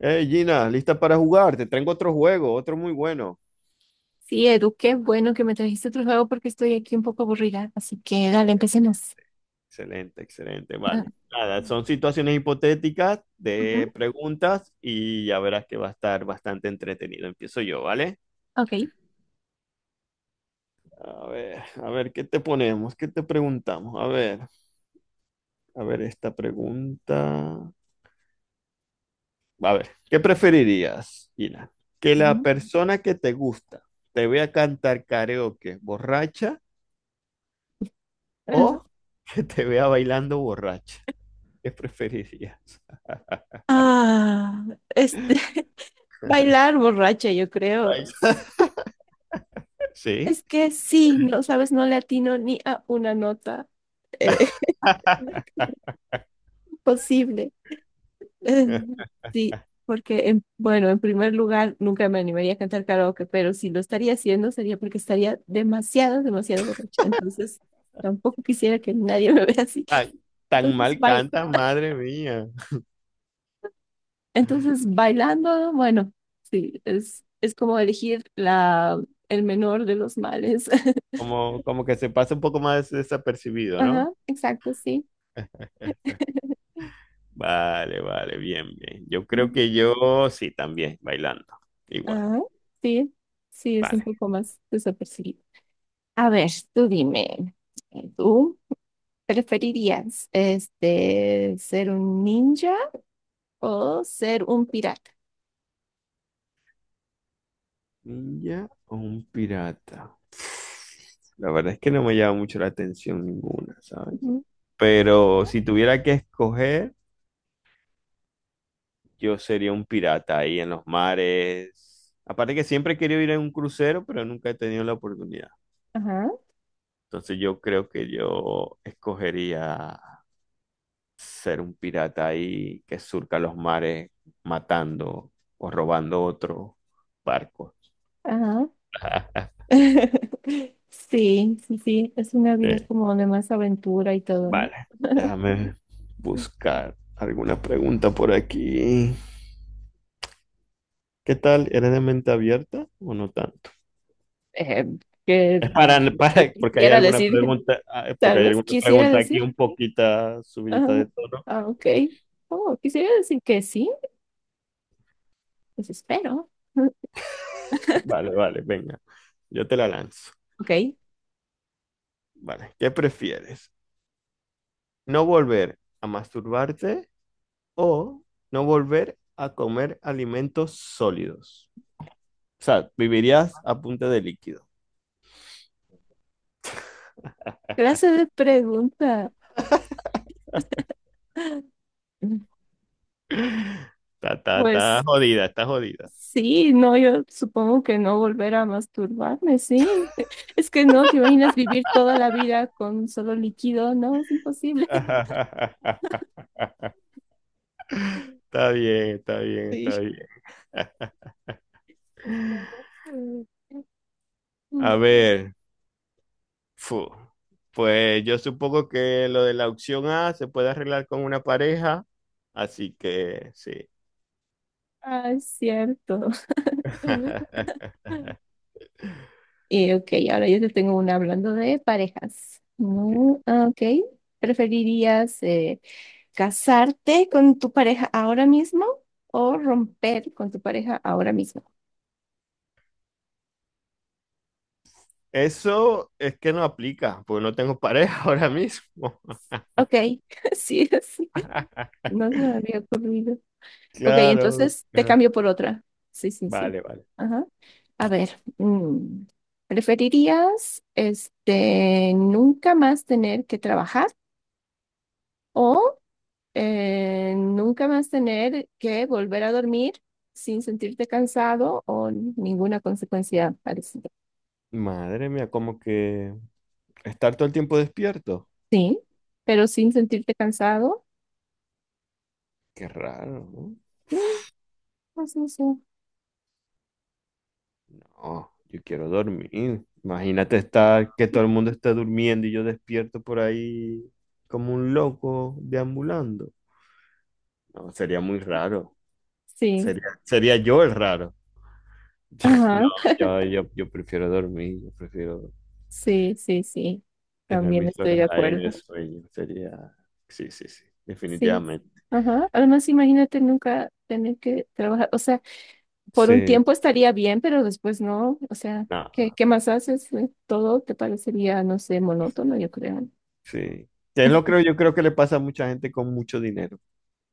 Hey Gina, ¿lista para jugar? Te traigo otro juego, otro muy bueno. Sí, Edu, qué bueno que me trajiste otro juego porque estoy aquí un poco aburrida. Así que dale, empecemos. Excelente, excelente, Ah, vale. Nada, son situaciones hipotéticas ujú, de preguntas y ya verás que va a estar bastante entretenido. Empiezo yo, ¿vale? ok. A ver, ¿qué te ponemos? ¿Qué te preguntamos? A ver esta pregunta. A ver, ¿qué preferirías, Gina? ¿Que la Ujú. persona que te gusta te vea cantar karaoke borracha Ah, o que te vea bailando borracha? ¿Qué preferirías? ah, este, Right. bailar borracha, yo creo. Sí. Es que sí, no sabes, no le atino ni a una nota. Eh, posible. Eh, sí, porque, bueno, en primer lugar, nunca me animaría a cantar karaoke, pero si lo estaría haciendo sería porque estaría demasiado borracha. Entonces, tampoco quisiera que nadie me vea así. Ay, tan mal Entonces, bai- canta, madre mía. entonces bailando, bueno, sí, es como elegir el menor de los males. Como, como que se pasa un poco más desapercibido, ¿no? Ajá, exacto, sí. Eh, Vale, vale, bien, bien. Yo creo Mm. que yo sí, también, bailando. Igual, Ajá, sí, sí, es un vale. poco más desapercibido. A ver, tú dime, ¿tú preferirías ser un ninja o ser un pirata? ¿Ninja o un pirata? La verdad es que no me llama mucho la atención ninguna, ¿sabes? Ujú. Ok, Pero si tuviera que escoger, yo sería un pirata ahí en los mares. Aparte que siempre he querido ir en un crucero, pero nunca he tenido la oportunidad. ajá, Entonces yo creo que yo escogería ser un pirata ahí que surca los mares matando o robando otros barcos. ajá. Sí, sí, sí, es una vida Sí. como de más aventura y todo, ¿no? Vale, déjame buscar alguna pregunta por aquí. ¿Qué tal? ¿Eres de mente abierta o no tanto? eh, que, que Para, quisiera decir, porque tal hay vez alguna quisiera pregunta aquí decir, un poquito subidita ah, de tono. ah, ok, oh, quisiera decir que sí, pues espero, Vale, vale, venga. Yo te la lanzo. ok, Vale, ¿qué prefieres? ¿No volver a masturbarte o no volver a comer alimentos sólidos? O sea, vivirías a punta de líquido. clase de pregunta, Está pues jodida, está jodida. sí, no, yo supongo que no volver a masturbarme, sí, es que no, te imaginas vivir toda la vida con solo líquido, no, es imposible. Está bien, está bien, está Sí. bien. A ver, Fu. Pues yo supongo que lo de la opción A se puede arreglar con una pareja, así que sí. Ah, es cierto. Ok, ahora yo te tengo una hablando de parejas. Ok. No, ah, ok. ¿Preferirías casarte con tu pareja ahora mismo o romper con tu pareja ahora mismo? Eso es que no aplica, porque no tengo pareja ahora mismo. Ok, sí, sí. No se me había ocurrido. Ok, Claro, entonces te claro. cambio por otra. Sí, sí, sí. Vale, vale. Ajá. A ver, mm, ¿preferirías nunca más tener que trabajar? O nunca más tener que volver a dormir sin sentirte cansado o ninguna consecuencia parecida. Madre mía, como que estar todo el tiempo despierto. Sí, pero sin sentirte cansado, Qué raro, ¿no? mm, pues no sé. Oh, yo quiero dormir. Imagínate estar, que todo el mundo está durmiendo y yo despierto por ahí como un loco deambulando. No, sería muy raro. Sí, Sería, sería yo el raro. No, ajá, yo prefiero dormir, yo prefiero sí, sí, sí, tener también mis estoy de horas ahí acuerdo. de sueño. Sería, sí, sí, sí, Sí, definitivamente. ajá. Además, imagínate nunca tener que trabajar, o sea, por un Sí, tiempo estaría bien, pero después no, o sea, no, ¿qué más haces? Todo te parecería, no sé, monótono, yo creo. sí. Que Es lo creo, yo creo que le pasa a mucha gente con mucho dinero.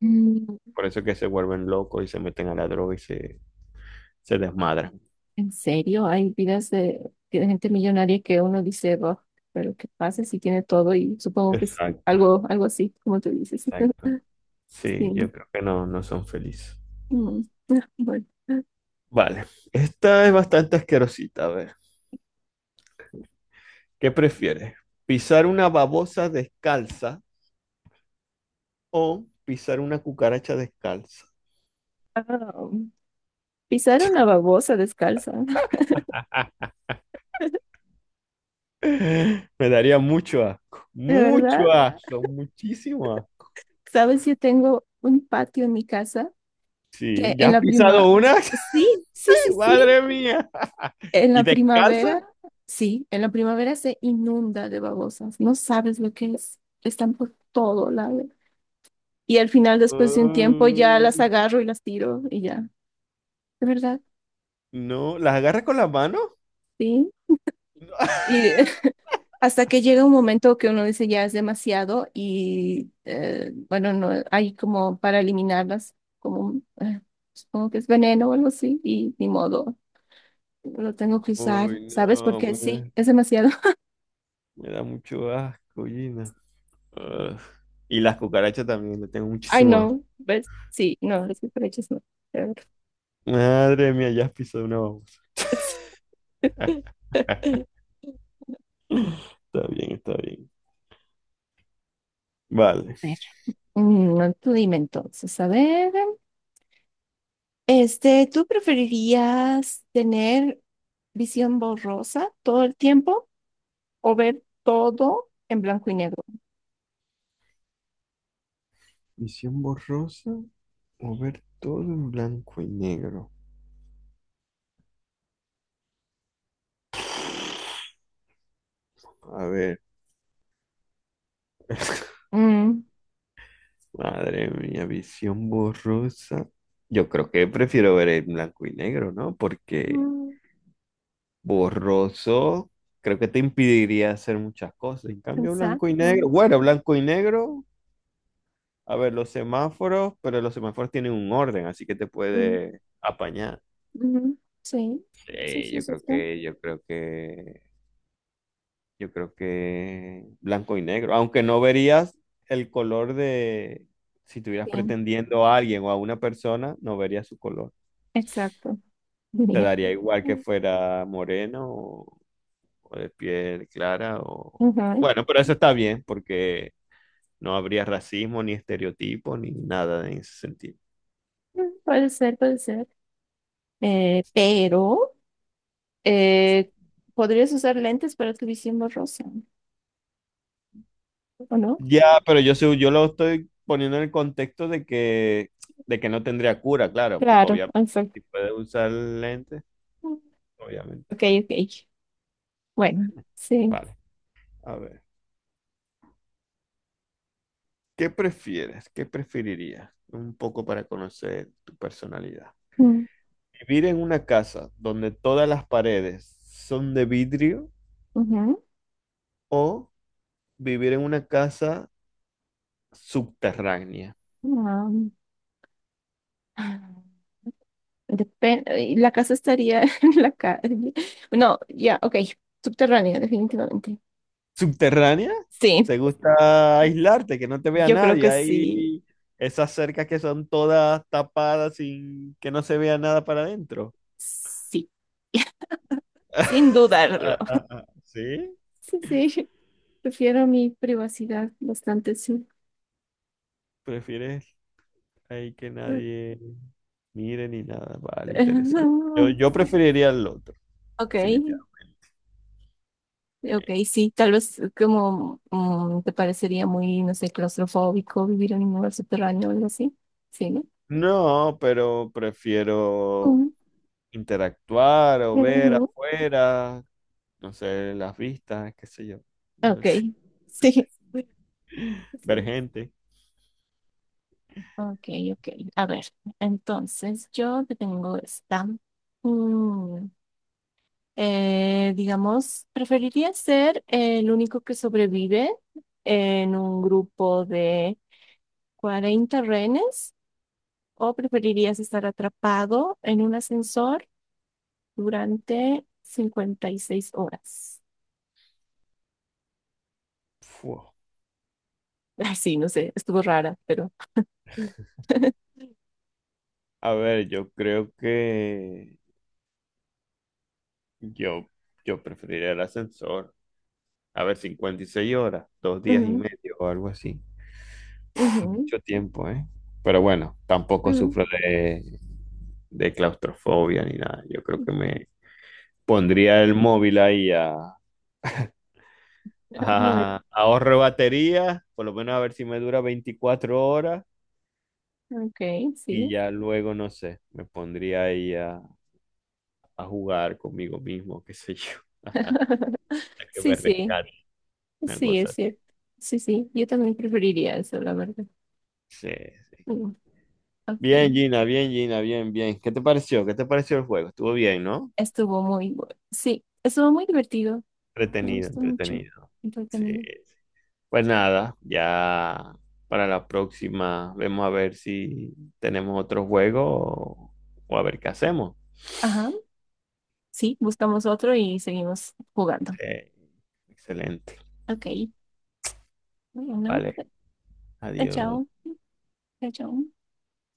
Por eso que se vuelven locos y se meten a la droga y se desmadran. En serio, hay vidas de gente millonaria que uno dice, "Buah, pero qué pasa si tiene todo y supongo que es Exacto. Algo así, como tú dices." Exacto. Sí, yo Sí. creo que no, no son felices. Mm. Bueno. Vale, esta es bastante asquerosita. A ver, ¿qué prefieres? ¿Pisar una babosa descalza o pisar una cucaracha descalza? Ah, pisar una babosa descalza. Me daría De mucho verdad, asco, muchísimo asco. sabes, yo tengo un patio en mi casa que Sí, ¿ya has pisado una? sí, sí, sí, sí, Madre mía. en ¿Y la descalza? primavera, sí, en la primavera se inunda de babosas. No sabes lo que es. Están por todo lado. Y al final, después de un tiempo, ya las Mm, agarro y las tiro y ya. ¿De verdad? no, ¿las agarras con las manos? Sí. Y hasta que llega un momento que uno dice ya es demasiado y bueno, no hay como para eliminarlas, como supongo que es veneno o algo así y ni modo, lo tengo que usar, Uy, no, ¿sabes? Porque sí, hombre. es demasiado. Me da mucho asco, Gina. Ugh. Y las cucarachas también, le tengo Ay, muchísimo asco. no, ¿ves? Sí, no, las cucarachas no. Madre mía, ya has pisado una babosa. Sí. Está bien, está bien. Vale. A ver, mm, no, tú dime entonces, a ver. ¿Tú preferirías tener visión borrosa todo el tiempo o ver todo en blanco y negro? Visión borrosa o ver todo en blanco y negro. A ver. Mm. Madre mía, visión borrosa. Yo creo que prefiero ver en blanco y negro, ¿no? Porque Mm, borroso creo que te impediría hacer muchas cosas. En cambio, blanco y negro. exacto. Bueno, blanco y negro. A ver, los semáforos, pero los semáforos tienen un orden, así que te Mm, puede apañar. ujú. Sí, sí, Sí, sí, yo creo exacto. que, yo creo que, yo creo que blanco y negro. Aunque no verías el color de, si estuvieras Sí, pretendiendo a alguien o a una persona, no verías su color. exacto. Te Bien. daría igual que fuera moreno o de piel clara o... Ujú. Bueno, pero eso está bien porque no habría racismo ni estereotipo ni nada en ese sentido. Mm, puede ser, puede ser. Pero eh, podrías usar lentes para tu visión borrosa, ¿o no? Ya, pero yo, yo lo estoy poniendo en el contexto de que no tendría cura, claro, porque Claro, obviamente exacto. si puede usar lentes, Mm. obviamente. Ok, ok. Bueno, sí. Vale, a ver. ¿Qué prefieres? ¿Qué preferirías? Un poco para conocer tu personalidad. Mm, ¿Vivir en una casa donde todas las paredes son de vidrio ujú. o vivir en una casa subterránea? Ah, y la casa estaría en la calle. No, ya, ok. Subterránea, definitivamente. Subterránea, Sí, te gusta aislarte, que no te vea yo creo nadie. que sí. Hay esas cercas que son todas tapadas sin que no se vea nada para adentro. Sí, sin dudarlo. Ah, ah, ah, ¿sí? Sí, sí, prefiero mi privacidad bastante, sí. ¿Prefieres ahí que nadie mire ni nada? Vale, interesante. Yo, yo preferiría el otro, Ok, definitivamente. ok, sí, tal vez como mm, te parecería muy, no sé, claustrofóbico vivir en un lugar subterráneo o algo así. Sí, ¿no? No, pero prefiero Ujú, interactuar o ver ujú. afuera, no sé, las vistas, qué sé yo. Ok, No sé. sí. Ver Sí. gente. Ok, ok. A ver, entonces yo te tengo esta. Mm, digamos, preferiría ser el único que sobrevive en un grupo de 40 rehenes o preferirías estar atrapado en un ascensor durante 56 horas. Fua. Ay, sí, no sé, estuvo rara, pero... A ver, yo creo que yo, yo preferiría el ascensor. A ver, 56 horas, dos días y Ujú, medio o algo así. Es ujú, mucho tiempo, ¿eh? Pero bueno, tampoco ujú. sufro de claustrofobia ni nada. Yo creo que me pondría el móvil ahí a, Ah, bueno, ahorro batería, por lo menos a ver si me dura 24 horas ok, y sí. ya luego, no sé, me pondría ahí a jugar conmigo mismo, qué sé yo, hasta que Sí, me sí, rescate, una sí, es cosa. cierto. Sí, sí, yo también preferiría eso, la verdad. Sí, sí. Mm, ok, Bien, Gina, bien, Gina, bien, bien. ¿Qué te pareció? ¿Qué te pareció el juego? Estuvo bien, ¿no? estuvo muy bueno. Sí, estuvo muy divertido. Me Entretenido, gustó mucho. entretenido. Sí, Entretenido. sí. Pues nada, ya para la próxima vemos a ver si tenemos otro juego o a ver qué hacemos. Ajá, sí, buscamos otro y seguimos jugando. Sí, excelente. Ok, bueno, Vale, chao, adiós. chao, chao.